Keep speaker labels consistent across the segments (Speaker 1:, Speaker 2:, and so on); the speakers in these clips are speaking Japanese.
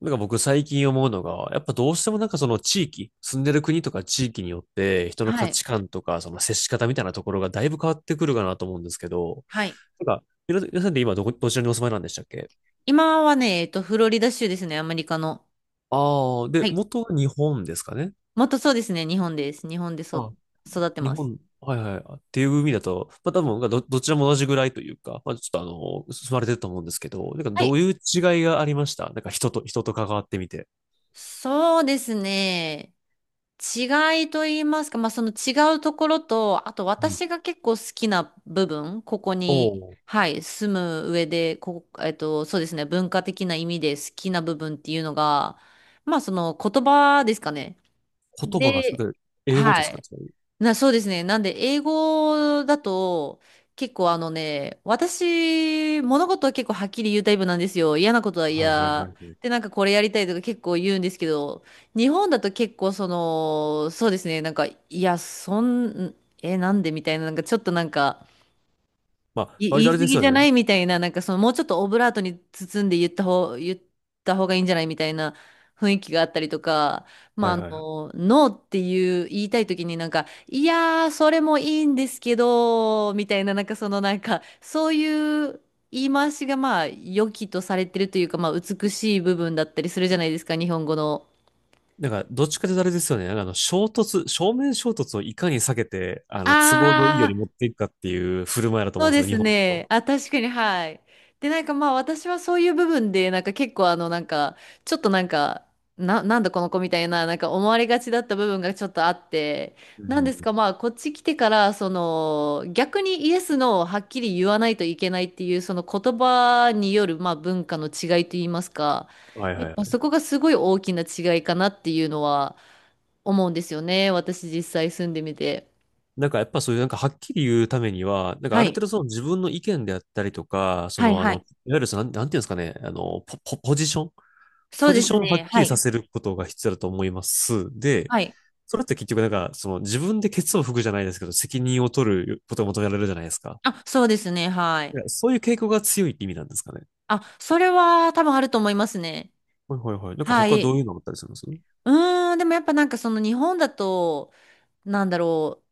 Speaker 1: なんか僕最近思うのが、やっぱどうしてもその地域、住んでる国とか地域によって、人の
Speaker 2: は
Speaker 1: 価
Speaker 2: い。
Speaker 1: 値観とか、その接し方みたいなところがだいぶ変わってくるかなと思うんですけど、
Speaker 2: はい。
Speaker 1: 皆さんで今どちらにお住まいなんでしたっけ。
Speaker 2: 今はね、フロリダ州ですね、アメリカの。
Speaker 1: ああー、
Speaker 2: は
Speaker 1: で、
Speaker 2: い。
Speaker 1: 元は日本ですかね。
Speaker 2: もっとそうですね、日本です。日本で
Speaker 1: あ、
Speaker 2: 育って
Speaker 1: 日
Speaker 2: ます。
Speaker 1: 本、はいはい。っていう意味だと、まあ多分どちらも同じぐらいというか、まあちょっと住まれてると思うんですけど、なんか
Speaker 2: は
Speaker 1: ど
Speaker 2: い。
Speaker 1: ういう違いがありました、なんか人と、人と関わってみて。
Speaker 2: そうですね。違いと言いますか、まあ、その違うところと、あと
Speaker 1: うん。
Speaker 2: 私が結構好きな部分、ここ
Speaker 1: お。
Speaker 2: に、
Speaker 1: お、
Speaker 2: はい、住む上で、ここ、そうですね、文化的な意味で好きな部分っていうのが、まあ、その言葉ですかね。
Speaker 1: 言葉が、
Speaker 2: で、
Speaker 1: 英語
Speaker 2: は
Speaker 1: ですか。
Speaker 2: い。そうですね。なんで、英語だと、結構あのね、私、物事は結構はっきり言うタイプなんですよ。嫌なことは
Speaker 1: はいはいはい
Speaker 2: 嫌。
Speaker 1: はい。
Speaker 2: で、なんかこれやりたいとか結構言うんですけど、日本だと結構その、そうですね、なんか、いや、なんでみたいな、なんかちょっとなんか、
Speaker 1: まあ、割
Speaker 2: 言い
Speaker 1: とあ
Speaker 2: 過
Speaker 1: れです
Speaker 2: ぎ
Speaker 1: よ
Speaker 2: じゃな
Speaker 1: ね。
Speaker 2: いみたいな、なんかそのもうちょっとオブラートに包んで言った方がいいんじゃないみたいな雰囲気があったりとか、まあ、
Speaker 1: は
Speaker 2: あ
Speaker 1: い
Speaker 2: の、
Speaker 1: はいはい。
Speaker 2: ノーっていう言いたい時になんか、いやー、それもいいんですけど、みたいな、なんかそのなんか、そういう言い回しがまあ、良きとされてるというか、まあ、美しい部分だったりするじゃないですか、日本語の。
Speaker 1: なんか、どっちかというとあれですよね。なんかあの、衝突、正面衝突をいかに避けて、あの、都合のいいよう
Speaker 2: あ、
Speaker 1: に持っていくかっていう振る舞いだと
Speaker 2: そ
Speaker 1: 思
Speaker 2: う
Speaker 1: うんです
Speaker 2: で
Speaker 1: よ、日
Speaker 2: す
Speaker 1: 本だ
Speaker 2: ね。
Speaker 1: と。
Speaker 2: あ、確かに、はい。で、なんかまあ私はそういう部分で、なんか結構あの、なんか、ちょっとなんか、なんだこの子みたいな、なんか思われがちだった部分がちょっとあって、
Speaker 1: うん
Speaker 2: な
Speaker 1: う
Speaker 2: んで
Speaker 1: ん
Speaker 2: す
Speaker 1: うん。
Speaker 2: かまあこっち来てから、その、逆にイエスのをはっきり言わないといけないっていう、その言葉による、まあ文化の違いといいますか、
Speaker 1: はい
Speaker 2: や
Speaker 1: は
Speaker 2: っ
Speaker 1: いは
Speaker 2: ぱそ
Speaker 1: い。
Speaker 2: こがすごい大きな違いかなっていうのは思うんですよね。私実際住んでみて。
Speaker 1: なんかやっぱそういうなんかはっきり言うためには、なんか
Speaker 2: は
Speaker 1: ある
Speaker 2: い。
Speaker 1: 程度その自分の意見であったりとか、
Speaker 2: はいは
Speaker 1: い
Speaker 2: い。
Speaker 1: わゆるそのなんていうんですかね、あの、ポジション、
Speaker 2: そ
Speaker 1: ポ
Speaker 2: うで
Speaker 1: ジシ
Speaker 2: す
Speaker 1: ョンをはっ
Speaker 2: ね。
Speaker 1: き
Speaker 2: は
Speaker 1: りさ
Speaker 2: い。
Speaker 1: せることが必要だと思います。で、
Speaker 2: はい
Speaker 1: それって結局なんか、その自分でケツを拭くじゃないですけど、責任を取ることが求められるじゃないですか。
Speaker 2: あ、そうですね。は
Speaker 1: い
Speaker 2: い。
Speaker 1: や、そういう傾向が強いって意味なんですかね。
Speaker 2: あ、それは多分あると思いますね。
Speaker 1: はいはいはい。なんか
Speaker 2: は
Speaker 1: 他どう
Speaker 2: い。
Speaker 1: いうのあったりするんです。う
Speaker 2: うーん、でもやっぱなんかその日本だと、なんだろう、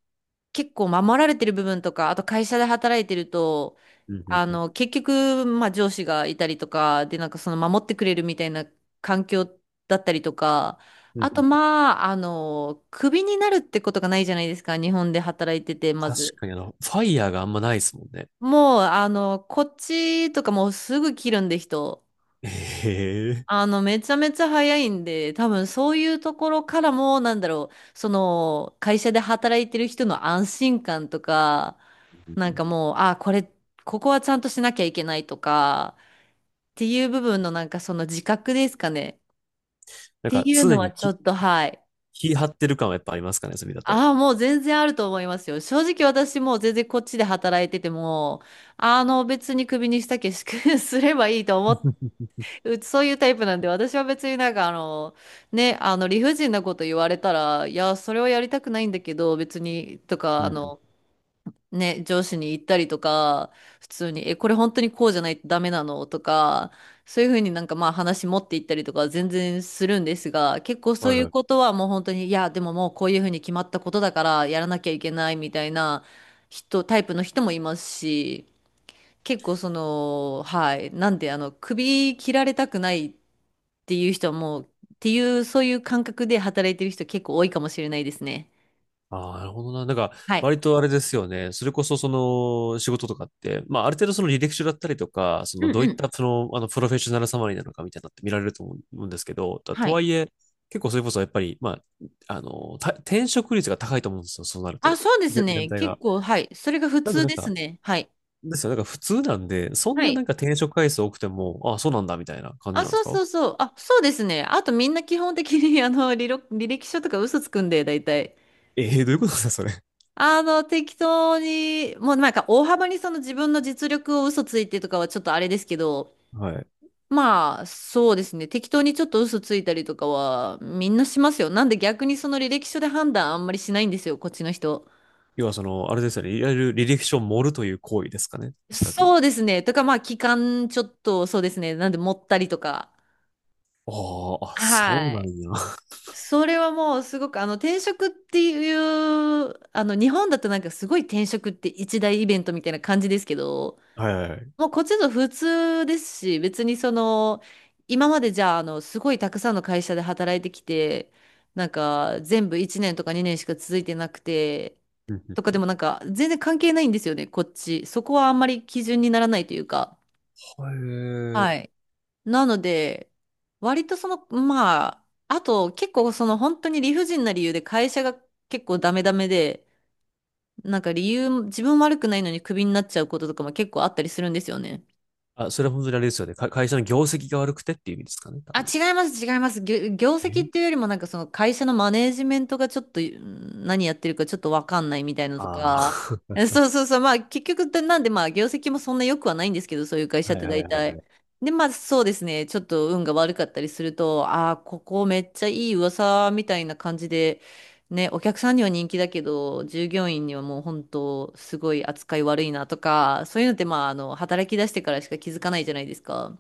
Speaker 2: 結構守られてる部分とか、あと会社で働いてると、
Speaker 1: んうん
Speaker 2: あ
Speaker 1: うん。
Speaker 2: の、結局、まあ上司がいたりとか、で、なんかその守ってくれるみたいな環境だったりとか、
Speaker 1: うん
Speaker 2: あ
Speaker 1: う
Speaker 2: と
Speaker 1: ん。
Speaker 2: まあ、あの、クビになるってことがないじゃないですか、日本で働いてて、ま
Speaker 1: 確
Speaker 2: ず。
Speaker 1: かにあの、ファイヤーがあんまないですもんね。
Speaker 2: もう、あの、こっちとかもうすぐ切るんで人。
Speaker 1: へえ。
Speaker 2: あの、めちゃめちゃ早いんで、多分そういうところからも、なんだろう、その、会社で働いてる人の安心感とか、なんかもう、あ、これ、ここはちゃんとしなきゃいけないとか、っていう部分のなんかその自覚ですかね。っ
Speaker 1: なん
Speaker 2: て
Speaker 1: か
Speaker 2: いう
Speaker 1: 常
Speaker 2: のは
Speaker 1: に
Speaker 2: ちょ
Speaker 1: き、
Speaker 2: っと、はい。
Speaker 1: 気張ってる感はやっぱありますかね、それだと。
Speaker 2: ああ、もう全然あると思いますよ。正直私もう全然こっちで働いてても、あの、別にクビにしたけし すればいいと思っうちそういうタイプなんで、私は別になんかあの、ね、あの理不尽なこと言われたら、いや、それはやりたくないんだけど、別に、とか、
Speaker 1: う
Speaker 2: あ
Speaker 1: んうん。
Speaker 2: の、ね、上司に言ったりとか、普通に、え、これ本当にこうじゃないとダメなのとか、そういうふうになんかまあ話持っていったりとかは全然するんですが、結構そ
Speaker 1: は
Speaker 2: う
Speaker 1: い
Speaker 2: いう
Speaker 1: はい。
Speaker 2: ことはもう本当に、いや、でももうこういうふうに決まったことだからやらなきゃいけないみたいなタイプの人もいますし、結構その、はい。なんで、あの、首切られたくないっていう人はもう、っていう、そういう感覚で働いてる人結構多いかもしれないですね。
Speaker 1: ああ、なるほどな。なんか、
Speaker 2: はい。
Speaker 1: 割とあれですよね。それこそ、その、仕事とかって、まあ、ある程度その履歴書だったりとか、そ
Speaker 2: う
Speaker 1: の、
Speaker 2: ん
Speaker 1: どういっ
Speaker 2: うん。
Speaker 1: た、その、あの、プロフェッショナルサマリーなのかみたいなのって見られると思うんですけど、と
Speaker 2: は
Speaker 1: と
Speaker 2: い。
Speaker 1: はいえ、結構それこそ、やっぱり、まあ、あの、転職率が高いと思うんですよ。そうなる
Speaker 2: あ、
Speaker 1: と。
Speaker 2: そうです
Speaker 1: 全
Speaker 2: ね。
Speaker 1: 体
Speaker 2: 結
Speaker 1: が。
Speaker 2: 構、はい。それが普
Speaker 1: なんで、
Speaker 2: 通
Speaker 1: なん
Speaker 2: です
Speaker 1: か、
Speaker 2: ね。はい。
Speaker 1: ですよ。なんか、普通なんで、そん
Speaker 2: は
Speaker 1: なな
Speaker 2: い。
Speaker 1: んか転職回数多くても、ああ、そうなんだ、みたいな感じ
Speaker 2: あ、
Speaker 1: なんです
Speaker 2: そう
Speaker 1: か。
Speaker 2: そうそう。あ、そうですね。あとみんな基本的に、あの、履歴書とか嘘つくんで、大体。
Speaker 1: え、 えー、どういうことですか、それ。
Speaker 2: あの、適当に、もうなんか大幅にその自分の実力を嘘ついてとかはちょっとあれですけど、
Speaker 1: はい。
Speaker 2: まあ、そうですね。適当にちょっと嘘ついたりとかは、みんなしますよ。なんで逆にその履歴書で判断あんまりしないんですよ、こっちの人。
Speaker 1: 要は、その、あれですよね。いわゆる履歴書を盛るという行為ですかね。おそらく。
Speaker 2: そうですね。とか、まあ、期間ちょっと、そうですね。なんで持ったりとか。
Speaker 1: ああ、あ、そう
Speaker 2: は
Speaker 1: なん
Speaker 2: い。
Speaker 1: や。
Speaker 2: それはもうすごく、あの、転職っていう、あの、日本だとなんかすごい転職って一大イベントみたいな感じですけど、
Speaker 1: はいはいはい。
Speaker 2: もうこっちの普通ですし、別にその、今までじゃあ、あの、すごいたくさんの会社で働いてきて、なんか、全部1年とか2年しか続いてなくて、
Speaker 1: うんうん。
Speaker 2: とかでもなんか、全然関係ないんですよね、こっち。そこはあんまり基準にならないというか。
Speaker 1: へえ。
Speaker 2: はい。なので、割とその、まあ、あと結構その本当に理不尽な理由で会社が結構ダメダメで、なんか理由、自分悪くないのにクビになっちゃうこととかも結構あったりするんですよね。
Speaker 1: あ、それは本当にあれですよね。か、会社の業績が悪くてっていう意味ですかね、多
Speaker 2: あ、
Speaker 1: 分。
Speaker 2: 違います、違います。業績
Speaker 1: え。
Speaker 2: っていうよりも、なんかその会社のマネージメントがちょっとうん何やってるかちょっとわかんないみたいなのと
Speaker 1: ああ
Speaker 2: か、
Speaker 1: ー。
Speaker 2: えそうそうそう、まあ結局、でなんでまあ業績もそんな良くはないんですけど、そういう会 社っ
Speaker 1: はい
Speaker 2: て
Speaker 1: はいは
Speaker 2: 大
Speaker 1: いは
Speaker 2: 体。
Speaker 1: い。
Speaker 2: で、まあそうですね、ちょっと運が悪かったりすると、ああ、ここめっちゃいい噂みたいな感じで、ね、お客さんには人気だけど、従業員にはもう本当、すごい扱い悪いなとか、そういうのってまあ、あの、働き出してからしか気づかないじゃないですか。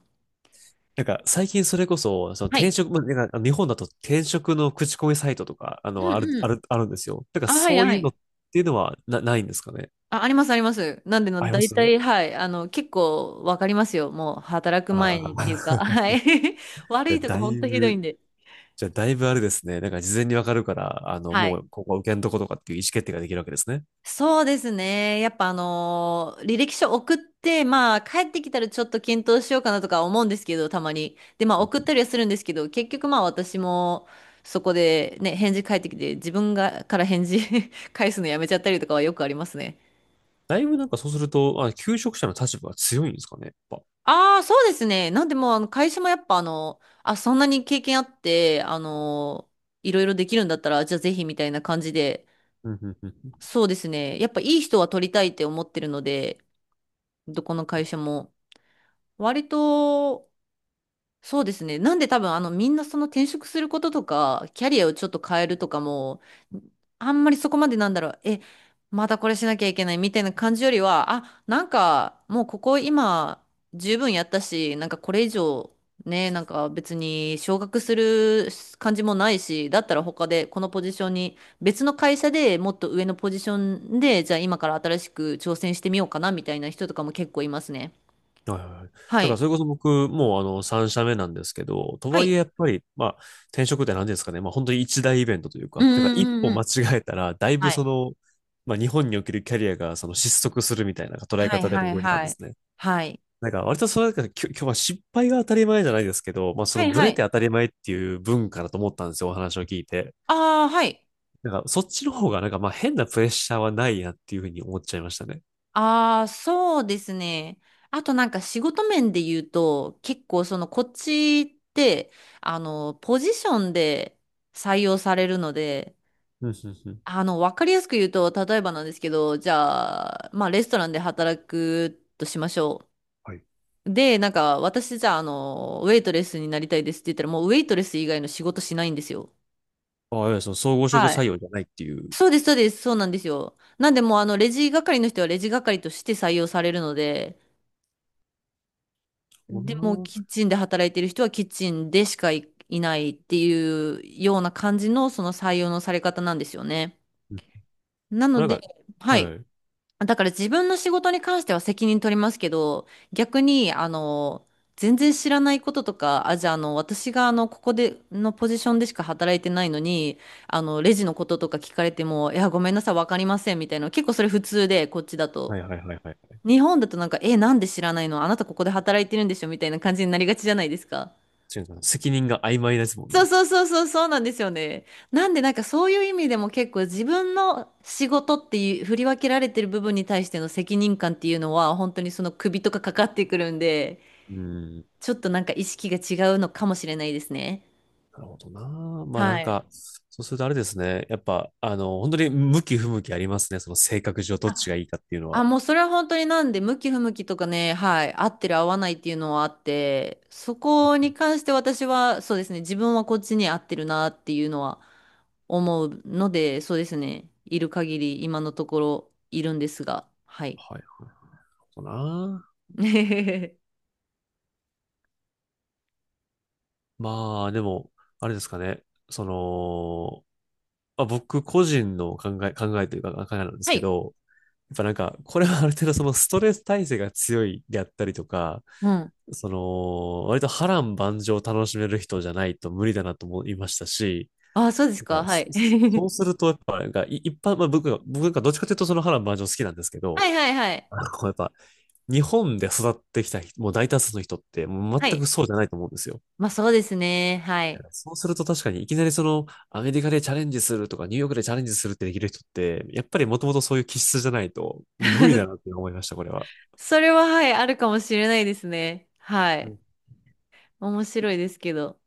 Speaker 1: なんか、最近それこそ、その
Speaker 2: は
Speaker 1: 転
Speaker 2: い。
Speaker 1: 職、まあなんか日本だと転職の口コミサイトとか、あ
Speaker 2: う
Speaker 1: の、ある、あ
Speaker 2: ん
Speaker 1: る、あるんですよ。なんか、
Speaker 2: あ、はい、
Speaker 1: そう
Speaker 2: は
Speaker 1: いう
Speaker 2: い。
Speaker 1: のっていうのはないんですかね。
Speaker 2: あ、あります、あります。なんで
Speaker 1: あ
Speaker 2: の、
Speaker 1: りま
Speaker 2: 大
Speaker 1: す。
Speaker 2: 体、はい。あの、結構わかりますよ。もう、働く前
Speaker 1: あ
Speaker 2: に
Speaker 1: あ
Speaker 2: っていうか、
Speaker 1: ー。
Speaker 2: はい。悪
Speaker 1: じゃあ、
Speaker 2: いとこ、
Speaker 1: だ
Speaker 2: ほん
Speaker 1: い
Speaker 2: とひどい
Speaker 1: ぶ、
Speaker 2: んで。
Speaker 1: じゃあ、だいぶあれですね。なんか、事前にわかるから、あの、
Speaker 2: は
Speaker 1: も
Speaker 2: い。
Speaker 1: う、ここは受けんとことかっていう意思決定ができるわけですね。
Speaker 2: そうですね。やっぱ、あのー履歴書送って、まあ、帰ってきたらちょっと検討しようかなとか思うんですけど、たまに。で、まあ、送ったりはするんですけど、結局、まあ、私も、そこで、ね、返事返ってきて、自分が、から返事 返すのやめちゃったりとかはよくありますね。
Speaker 1: だいぶなんかそうすると、あ、求職者の立場が強いんですかね、やっぱ。
Speaker 2: ああ、そうですね。なんでもう、あの、会社もやっぱ、あの、あ、そんなに経験あって、あの、いろいろできるんだったら、じゃあぜひみたいな感じで、
Speaker 1: うんうんうんうん。
Speaker 2: そうですね。やっぱいい人は取りたいって思ってるので、どこの会社も。割と、そうですね。なんで多分あのみんなその転職することとか、キャリアをちょっと変えるとかも、あんまりそこまでなんだろう、え、またこれしなきゃいけないみたいな感じよりは、あ、なんかもうここ今十分やったし、なんかこれ以上ね、なんか別に昇格する感じもないし、だったら他でこのポジションに、別の会社でもっと上のポジションで、じゃあ今から新しく挑戦してみようかなみたいな人とかも結構いますね。
Speaker 1: はいはいはい。
Speaker 2: は
Speaker 1: だから
Speaker 2: い。
Speaker 1: それこそ僕、もうあの、3社目なんですけど、と
Speaker 2: は
Speaker 1: はいえ
Speaker 2: い。
Speaker 1: やっぱり、まあ、転職って何ですかね、まあ本当に一大イベントという
Speaker 2: うん
Speaker 1: か、だから
Speaker 2: う
Speaker 1: 一
Speaker 2: んう
Speaker 1: 歩
Speaker 2: んう
Speaker 1: 間違
Speaker 2: ん。
Speaker 1: えたら、だいぶ
Speaker 2: は
Speaker 1: そ
Speaker 2: い
Speaker 1: の、まあ日本におけるキャリアがその失速するみたいな捉え
Speaker 2: はい
Speaker 1: 方で
Speaker 2: はい
Speaker 1: 動いてたん
Speaker 2: は
Speaker 1: で
Speaker 2: い。
Speaker 1: すね。
Speaker 2: はい。
Speaker 1: なんか割とそれなんきょ今日は失敗が当たり前じゃないですけど、まあそ
Speaker 2: は
Speaker 1: の
Speaker 2: い
Speaker 1: ブ
Speaker 2: は
Speaker 1: レ
Speaker 2: い。
Speaker 1: て当たり前っていう文化だと思ったんですよ、お話を聞いて。
Speaker 2: ああ、はい。
Speaker 1: なんかそっちの方がなんかまあ変なプレッシャーはないなっていうふうに思っちゃいましたね。
Speaker 2: ああ、そうですね。あとなんか仕事面で言うと、結構そのこっちって、あの、ポジションで採用されるので、
Speaker 1: うん、うん、うん。
Speaker 2: あの、わかりやすく言うと、例えばなんですけど、じゃあ、まあ、レストランで働くとしましょ
Speaker 1: はい。
Speaker 2: う。で、なんか、私じゃあ、あの、ウェイトレスになりたいですって言ったら、もうウェイトレス以外の仕事しないんですよ。
Speaker 1: ああ、いやその総合職
Speaker 2: は
Speaker 1: 採
Speaker 2: い、
Speaker 1: 用じゃないっていう。
Speaker 2: そうです、そうです、そうなんですよ。なんでもうあの、レジ係の人はレジ係として採用されるので、
Speaker 1: そうだ
Speaker 2: でもうキッ
Speaker 1: な。
Speaker 2: チンで働いてる人はキッチンでしかい、いないっていうような感じのその採用のされ方なんですよね。
Speaker 1: うん。
Speaker 2: な
Speaker 1: な
Speaker 2: の
Speaker 1: ん
Speaker 2: で、
Speaker 1: か、
Speaker 2: はい。
Speaker 1: はい。
Speaker 2: だから自分の仕事に関しては責任取りますけど、逆に、あの、全然知らないこととか、あ、じゃあ、あの、私が、あの、ここで、のポジションでしか働いてないのに、あの、レジのこととか聞かれても、いや、ごめんなさい、わかりません、みたいな。結構それ普通で、こっちだ
Speaker 1: は
Speaker 2: と。
Speaker 1: いはいはいはい。
Speaker 2: 日本だとなんか、え、なんで知らないのあなたここで働いてるんでしょみたいな感じになりがちじゃないですか。
Speaker 1: 違うかな。責任が曖昧ですもん
Speaker 2: そう
Speaker 1: ね。
Speaker 2: そうそうそうそうなんですよね。なんでなんかそういう意味でも結構自分の仕事っていう振り分けられてる部分に対しての責任感っていうのは本当にその首とかかかってくるんで、
Speaker 1: うん。
Speaker 2: ちょっとなんか意識が違うのかもしれないですね。
Speaker 1: なるほどな。まあな
Speaker 2: は
Speaker 1: ん
Speaker 2: い。
Speaker 1: か、そうするとあれですね。やっぱ、あの、本当に向き不向きありますね。その性格上どっちがいいかっていうの
Speaker 2: あ、
Speaker 1: は。
Speaker 2: もうそれは本当になんで、向き不向きとかね、はい、合ってる合わないっていうのはあって、そこに関して私は、そうですね、自分はこっちに合ってるなっていうのは思うので、そうですね、いる限り今のところいるんですが、はい。
Speaker 1: はい。なるほどな。まあ、でも、あれですかね。その、まあ、僕個人の考え、考えというか考えなんです
Speaker 2: は
Speaker 1: け
Speaker 2: い。
Speaker 1: ど、っぱなんか、これはある程度そのストレス耐性が強いであったりとか、
Speaker 2: うん。
Speaker 1: その、割と波乱万丈を楽しめる人じゃないと無理だなと思いましたし、
Speaker 2: あ、そうです
Speaker 1: て
Speaker 2: か、
Speaker 1: か
Speaker 2: は
Speaker 1: そ
Speaker 2: い。
Speaker 1: そ うすると、やっぱ、なんか、一般、まあ僕がどっちかというとその波乱万丈好きなんですけ
Speaker 2: は
Speaker 1: ど、
Speaker 2: いはいはい。
Speaker 1: あの、やっぱ、日本で育ってきた人、もう大多数の人って、もう
Speaker 2: は
Speaker 1: 全
Speaker 2: い。
Speaker 1: くそうじゃないと思うんですよ。
Speaker 2: まあそうですね、はい。
Speaker 1: そうすると確かにいきなりそのアメリカでチャレンジするとかニューヨークでチャレンジするってできる人ってやっぱりもともとそういう気質じゃないと無理だなっ て思いました、これは。
Speaker 2: それははい、あるかもしれないですね。は
Speaker 1: う
Speaker 2: い。
Speaker 1: ん
Speaker 2: 面白いですけど。